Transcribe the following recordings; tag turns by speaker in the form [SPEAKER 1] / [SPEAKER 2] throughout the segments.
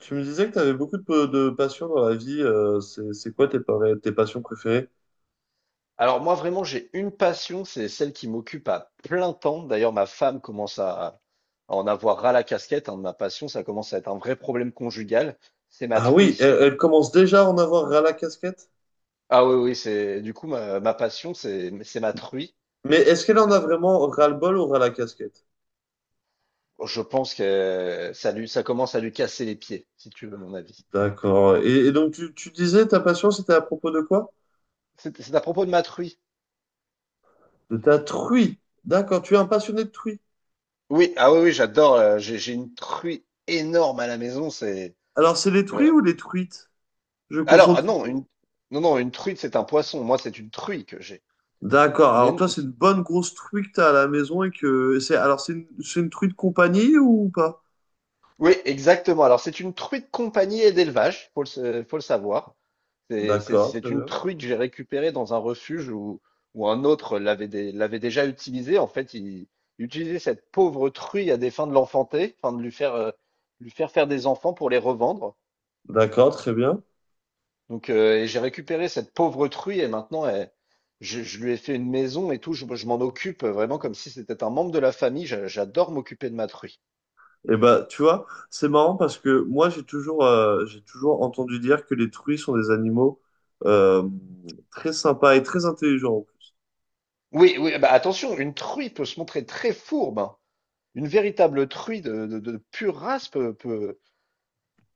[SPEAKER 1] Tu me disais que tu avais beaucoup de passions dans la vie. C'est quoi tes passions préférées?
[SPEAKER 2] Alors moi vraiment j'ai une passion, c'est celle qui m'occupe à plein temps. D'ailleurs ma femme commence à en avoir ras la casquette hein, de ma passion, ça commence à être un vrai problème conjugal, c'est ma
[SPEAKER 1] Ah oui,
[SPEAKER 2] truie.
[SPEAKER 1] elle commence déjà à en avoir ras la casquette.
[SPEAKER 2] Ah oui oui, c'est du coup ma passion c'est ma truie.
[SPEAKER 1] Mais est-ce qu'elle en a
[SPEAKER 2] Euh,
[SPEAKER 1] vraiment ras-le-bol ou ras la casquette?
[SPEAKER 2] Je pense que ça commence à lui casser les pieds, si tu veux mon avis.
[SPEAKER 1] D'accord. Et donc, tu disais ta passion, c'était à propos de quoi?
[SPEAKER 2] C'est à propos de ma truie.
[SPEAKER 1] De ta truie. D'accord, tu es un passionné de truie.
[SPEAKER 2] Oui, ah oui oui, j'adore, j'ai une truie énorme à la maison, c'est
[SPEAKER 1] Alors, c'est les truies
[SPEAKER 2] euh,
[SPEAKER 1] ou les truites? Je
[SPEAKER 2] alors
[SPEAKER 1] confonds
[SPEAKER 2] ah non, une
[SPEAKER 1] toujours.
[SPEAKER 2] non non, une truite c'est un poisson, moi c'est une truie que j'ai.
[SPEAKER 1] D'accord.
[SPEAKER 2] Une,
[SPEAKER 1] Alors, toi,
[SPEAKER 2] éno-
[SPEAKER 1] c'est une bonne grosse truie que tu as à la maison et que c'est. Alors, c'est c'est une truie de compagnie ou pas?
[SPEAKER 2] Oui, exactement. Alors, c'est une truite compagnie et d'élevage, faut le savoir. C'est c'est-
[SPEAKER 1] D'accord,
[SPEAKER 2] c'est
[SPEAKER 1] très
[SPEAKER 2] une
[SPEAKER 1] bien.
[SPEAKER 2] truite que j'ai récupérée dans un refuge où, un autre l'avait déjà utilisée. En fait, il utilisait cette pauvre truie à des fins de l'enfanter, enfin de lui faire faire des enfants pour les revendre.
[SPEAKER 1] D'accord, très bien.
[SPEAKER 2] Donc, et j'ai récupéré cette pauvre truie et maintenant, je lui ai fait une maison et tout. Je m'en occupe vraiment comme si c'était un membre de la famille. J'adore m'occuper de ma truie.
[SPEAKER 1] Et bah, tu vois, c'est marrant parce que moi, j'ai toujours entendu dire que les truies sont des animaux euh, très sympas et très intelligents.
[SPEAKER 2] Oui, oui, bah attention, une truie peut se montrer très fourbe, hein. Une véritable truie de pure race peut, peut,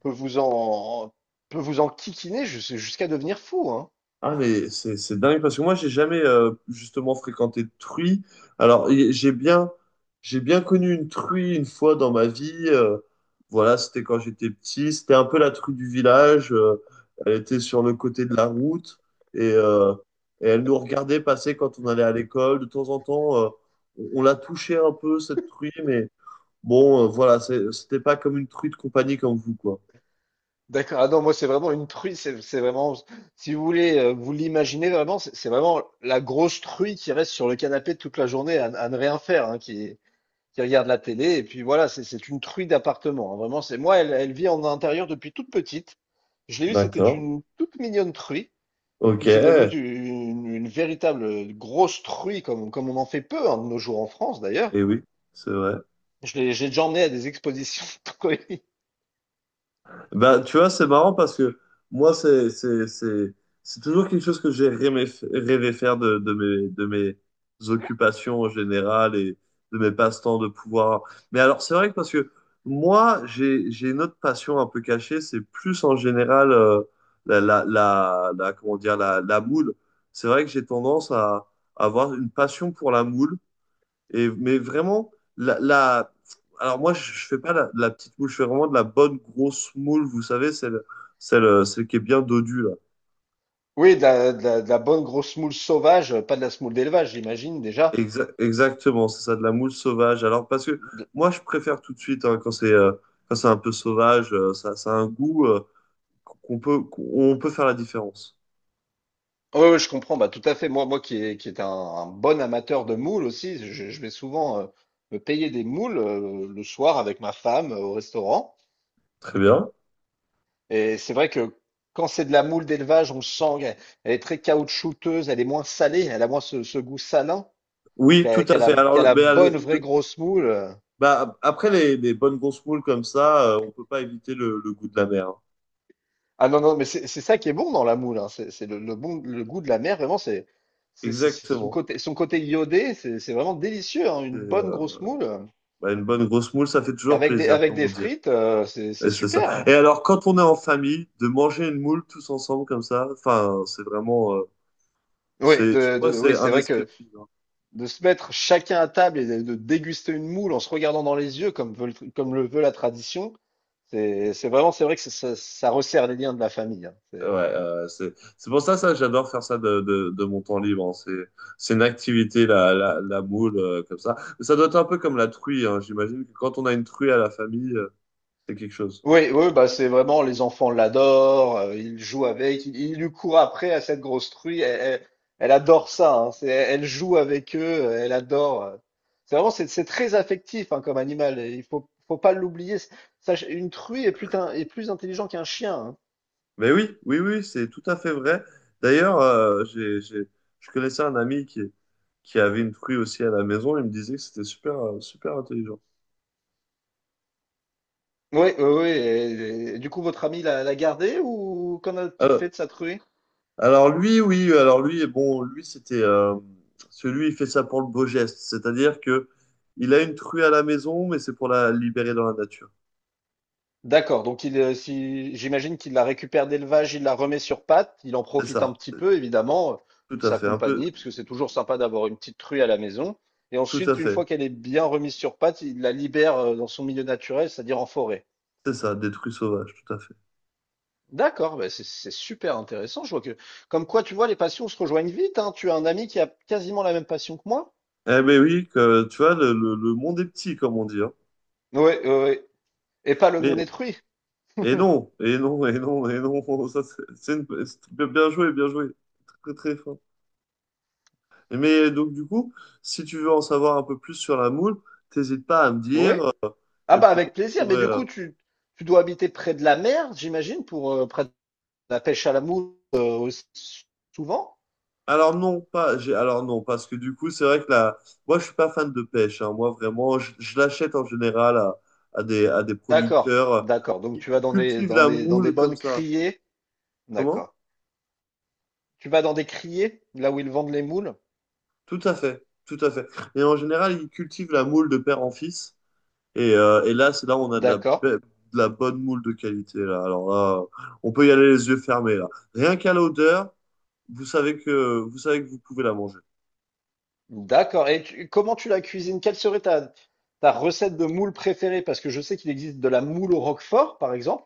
[SPEAKER 2] peut vous en peut vous en kikiner jusqu'à devenir fou, hein.
[SPEAKER 1] Ah mais c'est dingue parce que moi j'ai jamais justement fréquenté de truie. Alors y- j'ai bien j'ai bien connu une truie une fois dans ma vie. Voilà, c'était quand j'étais petit. C'était un peu la truie du village. Elle était sur le côté de la route et, euh, et elle nous regardait passer quand on allait à l'école. De temps en temps, on la touchait un peu cette truie, mais bon, voilà, c'était pas comme une truie de compagnie comme vous quoi.
[SPEAKER 2] D'accord. Ah non, moi c'est vraiment une truie. C'est vraiment, si vous voulez, vous l'imaginez vraiment, c'est vraiment la grosse truie qui reste sur le canapé toute la journée à ne rien faire, hein, qui regarde la télé. Et puis voilà, c'est une truie d'appartement, hein. Vraiment, c'est moi, elle vit en intérieur depuis toute petite. Je l'ai eue, c'était
[SPEAKER 1] D'accord.
[SPEAKER 2] une toute mignonne truie.
[SPEAKER 1] Ok.
[SPEAKER 2] Puis c'est devenu une véritable grosse truie, comme on en fait peu hein, de nos jours en France d'ailleurs.
[SPEAKER 1] Eh oui, c'est vrai.
[SPEAKER 2] Je l'ai, j'ai déjà emmené à des expositions de colis.
[SPEAKER 1] Bah, tu vois, c'est marrant parce que moi, c'est toujours quelque chose que j'ai rêvé, rêvé faire de mes occupations en général et de mes passe-temps de pouvoir. Mais alors, c'est vrai que parce que moi, j'ai une autre passion un peu cachée, c'est plus en général comment dire, la moule. C'est vrai que j'ai tendance à, avoir une passion pour la moule et, mais vraiment, la, la- alors moi, je fais pas la petite moule, je fais vraiment de la bonne grosse moule, vous savez, celle qui est bien dodue, là.
[SPEAKER 2] Oui, de la, de la bonne grosse moule sauvage, pas de la semoule d'élevage, j'imagine déjà.
[SPEAKER 1] Exactement, c'est ça, de la moule sauvage. Alors, parce que
[SPEAKER 2] De-
[SPEAKER 1] moi, je préfère tout de suite, hein, quand c'est un peu sauvage, ça a un goût qu'on peut faire la différence.
[SPEAKER 2] Ouais, ouais, je comprends, bah, tout à fait. Moi, qui est un bon amateur de moules aussi, je vais souvent me payer des moules le soir avec ma femme au restaurant.
[SPEAKER 1] Très bien.
[SPEAKER 2] Et c'est vrai que quand c'est de la moule d'élevage, on le sent, elle est très caoutchouteuse, elle est moins salée, elle a moins ce goût salin.
[SPEAKER 1] Oui, tout à fait.
[SPEAKER 2] Qui a la bonne, vraie grosse moule.
[SPEAKER 1] Bah, après les bonnes grosses moules comme ça, on peut pas éviter le goût de la mer, hein.
[SPEAKER 2] Ah non, non, mais c'est ça qui est bon dans la moule, hein. C'est le bon, le goût de la mer, vraiment, c'est
[SPEAKER 1] Exactement.
[SPEAKER 2] son côté iodé, c'est vraiment délicieux, hein.
[SPEAKER 1] C'est,
[SPEAKER 2] Une bonne grosse moule
[SPEAKER 1] bah, une bonne grosse moule, ça fait toujours plaisir,
[SPEAKER 2] avec
[SPEAKER 1] comment
[SPEAKER 2] des
[SPEAKER 1] dire.
[SPEAKER 2] frites, c'est
[SPEAKER 1] Et
[SPEAKER 2] c'est
[SPEAKER 1] c'est ça.
[SPEAKER 2] super,
[SPEAKER 1] Et
[SPEAKER 2] hein.
[SPEAKER 1] alors, quand on est en famille, de manger une moule tous ensemble comme ça, enfin, c'est vraiment, c'est, je crois, que c'est
[SPEAKER 2] Oui, c'est vrai que
[SPEAKER 1] indescriptible, hein.
[SPEAKER 2] de se mettre chacun à table et de déguster une moule en se regardant dans les yeux, comme le veut la tradition, c'est vraiment, c'est vrai que ça, ça resserre les liens de la famille, hein.
[SPEAKER 1] Ouais, c'est pour ça, ça, j'adore faire ça de mon temps libre, hein. C'est une activité, la moule, comme ça. Mais ça doit être un peu comme la truie, hein. J'imagine que quand on a une truie à la famille, c'est quelque chose.
[SPEAKER 2] Oui, oui, bah c'est vraiment les enfants l'adorent, ils jouent avec, ils lui courent après à cette grosse truie, elle adore ça, hein, c'est, elle joue avec eux, elle adore. C'est vraiment, c'est très affectif hein, comme animal, et faut pas l'oublier. Une truie est est plus intelligent qu'un chien, hein.
[SPEAKER 1] Mais oui, oui, oui, c'est tout à fait vrai. D'ailleurs, je connaissais un ami qui avait une fruit aussi à la maison. Il me disait que c'était super, super intelligent.
[SPEAKER 2] Oui, oui, oui. Et du coup, votre ami l'a gardé ou qu'en a-t-il
[SPEAKER 1] Alors,
[SPEAKER 2] fait de sa truie?
[SPEAKER 1] alors, alors lui, bon, lui, c'était celui, il fait ça pour le beau geste. C'est-à-dire que il a une truie à la maison, mais c'est pour la libérer dans la nature.
[SPEAKER 2] D'accord, donc il, si, j'imagine qu'il la récupère d'élevage, il la remet sur pattes, il en
[SPEAKER 1] C'est
[SPEAKER 2] profite un
[SPEAKER 1] ça,
[SPEAKER 2] petit
[SPEAKER 1] c'est
[SPEAKER 2] peu, évidemment,
[SPEAKER 1] tout
[SPEAKER 2] de
[SPEAKER 1] à
[SPEAKER 2] sa
[SPEAKER 1] fait, un peu,
[SPEAKER 2] compagnie, parce que c'est toujours sympa d'avoir une petite truie à la maison. Et
[SPEAKER 1] tout à
[SPEAKER 2] ensuite, une fois
[SPEAKER 1] fait.
[SPEAKER 2] qu'elle est bien remise sur pattes, il la libère dans son milieu naturel, c'est-à-dire en forêt.
[SPEAKER 1] C'est ça, des truies sauvages, tout à fait.
[SPEAKER 2] D'accord, bah c'est super intéressant. Comme quoi, tu vois, les passions se rejoignent vite, hein. Tu as un ami qui a quasiment la même passion que moi.
[SPEAKER 1] Eh ben oui, que, tu vois, le monde est petit, comme on dit, hein.
[SPEAKER 2] Oui, oui, et pas le monde
[SPEAKER 1] Mais
[SPEAKER 2] détruit.
[SPEAKER 1] et non, et non, et non, et non. Ça, c'est bien joué, bien joué. Très, très fort. Mais donc, du coup, si tu veux en savoir un peu plus sur la moule, t'hésites pas à me
[SPEAKER 2] Oui.
[SPEAKER 1] dire,
[SPEAKER 2] Ah
[SPEAKER 1] et
[SPEAKER 2] bah
[SPEAKER 1] puis,
[SPEAKER 2] avec
[SPEAKER 1] on
[SPEAKER 2] plaisir. Mais
[SPEAKER 1] pourrait,
[SPEAKER 2] du coup, tu dois habiter près de la mer, j'imagine, pour pratiquer la pêche à la mouche souvent?
[SPEAKER 1] alors non, pas. J'ai... Alors non, parce que du coup, c'est vrai que là, moi, je suis pas fan de pêche, hein. Moi, vraiment, je l'achète en général à, à des
[SPEAKER 2] D'accord,
[SPEAKER 1] producteurs
[SPEAKER 2] d'accord. Donc tu vas
[SPEAKER 1] qui
[SPEAKER 2] dans des
[SPEAKER 1] cultivent
[SPEAKER 2] dans
[SPEAKER 1] la
[SPEAKER 2] des dans des
[SPEAKER 1] moule comme
[SPEAKER 2] bonnes
[SPEAKER 1] ça.
[SPEAKER 2] criées,
[SPEAKER 1] Comment?
[SPEAKER 2] d'accord. Tu vas dans des criées, là où ils vendent les moules,
[SPEAKER 1] Tout à fait, tout à fait. Et en général, ils cultivent la moule de père en fils. Et là, c'est là où on a de la,
[SPEAKER 2] d'accord,
[SPEAKER 1] de la bonne moule de qualité, là. Alors là, on peut y aller les yeux fermés, là. Rien qu'à l'odeur, vous savez que vous pouvez la manger.
[SPEAKER 2] d'accord. Et comment tu la cuisines? Quelle serait ta recette de moule préférée? Parce que je sais qu'il existe de la moule au roquefort, par exemple.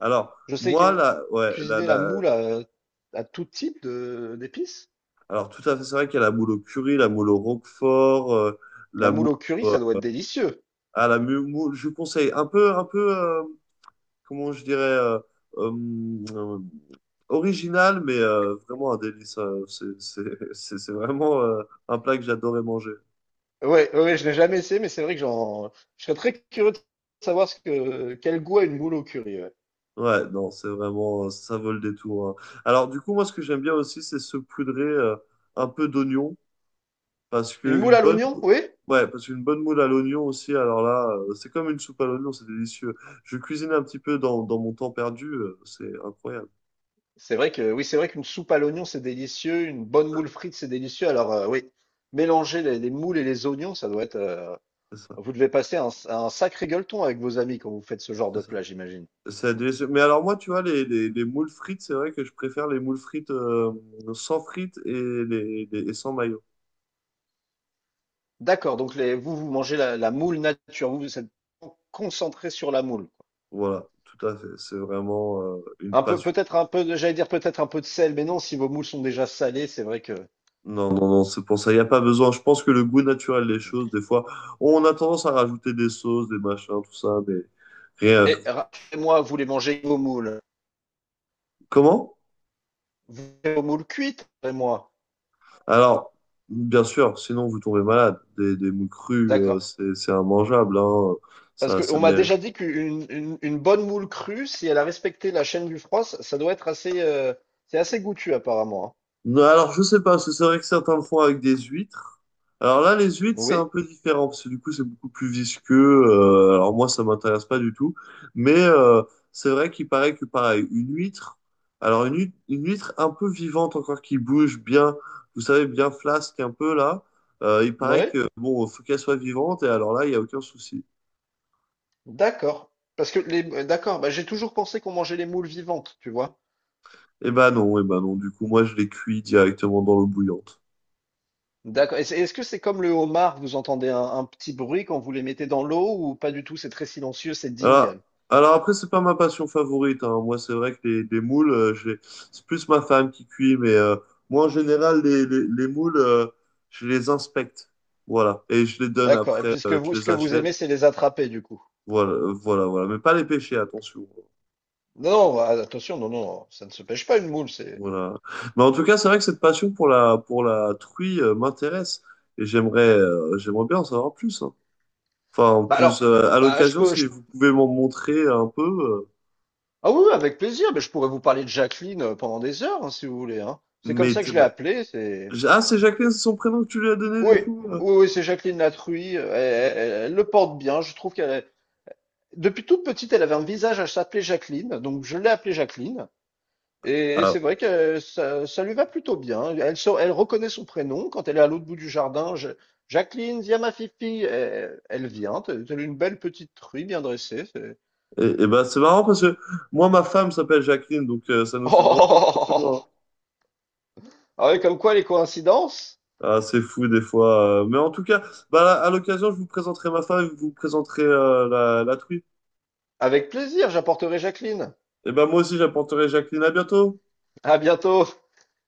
[SPEAKER 1] Alors,
[SPEAKER 2] Je sais qu'il y
[SPEAKER 1] moi, là,
[SPEAKER 2] a
[SPEAKER 1] ouais, là,
[SPEAKER 2] cuisiner la
[SPEAKER 1] là,
[SPEAKER 2] moule à tout type de d'épices.
[SPEAKER 1] alors tout à fait, c'est vrai qu'il y a la moule au curry, la moule au roquefort,
[SPEAKER 2] La
[SPEAKER 1] la moule,
[SPEAKER 2] moule au curry,
[SPEAKER 1] euh,
[SPEAKER 2] ça doit être délicieux.
[SPEAKER 1] ah, la mu- moule, je vous conseille un peu, comment je dirais, euh, euh, original, mais vraiment un délice. C'est vraiment un plat que j'adorais manger.
[SPEAKER 2] Ouais, ouais, ouais, je l'ai jamais essayé, mais c'est vrai que je serais très curieux de savoir quel goût a une moule au curry, ouais.
[SPEAKER 1] Ouais, non, c'est vraiment, ça vaut le détour, hein. Alors, du coup, moi, ce que j'aime bien aussi, c'est se poudrer un peu d'oignon, parce
[SPEAKER 2] Une
[SPEAKER 1] que une
[SPEAKER 2] moule à
[SPEAKER 1] bonne,
[SPEAKER 2] l'oignon, oui.
[SPEAKER 1] ouais, parce qu'une bonne moule à l'oignon aussi, alors là, c'est comme une soupe à l'oignon, c'est délicieux. Je cuisine un petit peu dans mon temps perdu, c'est incroyable,
[SPEAKER 2] C'est vrai que, oui, c'est vrai qu'une soupe à l'oignon, c'est délicieux. Une bonne moule frite, c'est délicieux. Alors, oui, mélanger les moules et les oignons, ça doit être.
[SPEAKER 1] c'est ça,
[SPEAKER 2] Vous devez passer un sacré gueuleton avec vos amis quand vous faites ce genre
[SPEAKER 1] c'est
[SPEAKER 2] de
[SPEAKER 1] ça.
[SPEAKER 2] plat, j'imagine.
[SPEAKER 1] C'est délicieux. Mais alors, moi, tu vois, les moules frites, c'est vrai que je préfère les moules frites sans frites et, et sans maillot.
[SPEAKER 2] D'accord, donc les, vous, vous mangez la, la moule nature. Vous, vous êtes concentré sur la moule.
[SPEAKER 1] Voilà, tout à fait. C'est vraiment une
[SPEAKER 2] Un peu,
[SPEAKER 1] passion.
[SPEAKER 2] peut-être un peu, j'allais dire peut-être un peu de sel, mais non, si vos moules sont déjà salées, c'est vrai que.
[SPEAKER 1] Non, non, non, c'est pour ça. Il n'y a pas besoin. Je pense que le goût naturel des choses, des fois, on a tendance à rajouter des sauces, des machins, tout ça, mais rien.
[SPEAKER 2] Et rappelez-moi, vous voulez manger vos moules.
[SPEAKER 1] Comment?
[SPEAKER 2] Vous voulez vos moules cuites, moi.
[SPEAKER 1] Alors, bien sûr, sinon vous tombez malade. Des moules crues,
[SPEAKER 2] D'accord.
[SPEAKER 1] c'est immangeable, hein.
[SPEAKER 2] Parce
[SPEAKER 1] Ça
[SPEAKER 2] qu'on m'a
[SPEAKER 1] mérite.
[SPEAKER 2] déjà dit qu'une une bonne moule crue, si elle a respecté la chaîne du froid, ça doit être assez, c'est assez goûtu apparemment, hein.
[SPEAKER 1] Non, alors, je sais pas, parce que c'est vrai que certains le font avec des huîtres. Alors là, les huîtres, c'est un
[SPEAKER 2] Oui,
[SPEAKER 1] peu différent, parce que du coup, c'est beaucoup plus visqueux. Alors moi, ça m'intéresse pas du tout. Mais c'est vrai qu'il paraît que, pareil, une huître, alors une huître un peu vivante encore, qui bouge bien, vous savez, bien flasque un peu là, il paraît
[SPEAKER 2] oui,
[SPEAKER 1] que, bon, faut qu'elle soit vivante, et alors là, il y a aucun souci.
[SPEAKER 2] d'accord. Parce que d'accord, bah, j'ai toujours pensé qu'on mangeait les moules vivantes, tu vois.
[SPEAKER 1] Eh ben non, du coup, moi, je les cuis directement dans l'eau bouillante.
[SPEAKER 2] D'accord. Et est-ce que c'est comme le homard, vous entendez un petit bruit quand vous les mettez dans l'eau ou pas du tout? C'est très silencieux, c'est
[SPEAKER 1] Alors,
[SPEAKER 2] digne.
[SPEAKER 1] alors après, c'est pas ma passion favorite, hein. Moi, c'est vrai que les moules, c'est plus ma femme qui cuit, mais moi, en général, les moules, je les inspecte. Voilà. Et je les donne
[SPEAKER 2] D'accord. Et
[SPEAKER 1] après,
[SPEAKER 2] puis
[SPEAKER 1] je
[SPEAKER 2] ce
[SPEAKER 1] les
[SPEAKER 2] que vous
[SPEAKER 1] achète.
[SPEAKER 2] aimez, c'est les attraper du coup.
[SPEAKER 1] Voilà, voilà. Mais pas les pêcher, attention.
[SPEAKER 2] Non, non, ah, attention, non, non, ça ne se pêche pas une moule, c'est.
[SPEAKER 1] Voilà. Mais en tout cas, c'est vrai que cette passion pour pour la truie, m'intéresse. Et j'aimerais, j'aimerais bien en savoir plus, hein. Enfin, en
[SPEAKER 2] Bah
[SPEAKER 1] plus,
[SPEAKER 2] alors,
[SPEAKER 1] à
[SPEAKER 2] bah je
[SPEAKER 1] l'occasion,
[SPEAKER 2] peux,
[SPEAKER 1] si
[SPEAKER 2] je-
[SPEAKER 1] vous pouvez m'en montrer un peu.
[SPEAKER 2] ah oui, oui, avec plaisir, mais je pourrais vous parler de Jacqueline pendant des heures, hein, si vous voulez, hein. C'est comme ça que je l'ai
[SPEAKER 1] Bah,
[SPEAKER 2] appelée, c'est.
[SPEAKER 1] Ah, c'est Jacqueline, c'est son prénom que tu lui as donné du
[SPEAKER 2] Oui,
[SPEAKER 1] coup?
[SPEAKER 2] oui, oui, c'est Jacqueline Latruy. Elle, elle le porte bien, je trouve depuis toute petite, elle avait un visage à s'appeler Jacqueline, donc je l'ai appelée Jacqueline. Et
[SPEAKER 1] Ah,
[SPEAKER 2] c'est vrai que ça lui va plutôt bien. Elle reconnaît son prénom quand elle est à l'autre bout du jardin. Jacqueline, viens ma fifi. Elle vient. T'as une belle petite truie bien dressée, c'est.
[SPEAKER 1] et bah c'est marrant parce que moi, ma femme s'appelle Jacqueline, donc ça nous
[SPEAKER 2] Oh,
[SPEAKER 1] fait
[SPEAKER 2] oh,
[SPEAKER 1] vraiment.
[SPEAKER 2] oh, oh, oh, oh.
[SPEAKER 1] vraiment-
[SPEAKER 2] Ah ouais, comme quoi les coïncidences?
[SPEAKER 1] Ah, c'est fou des fois. Mais en tout cas, bah, à l'occasion, je vous présenterai ma femme et vous présenterez la truie.
[SPEAKER 2] Avec plaisir, j'apporterai Jacqueline.
[SPEAKER 1] Et ben moi aussi, j'apporterai Jacqueline. À bientôt!
[SPEAKER 2] À bientôt.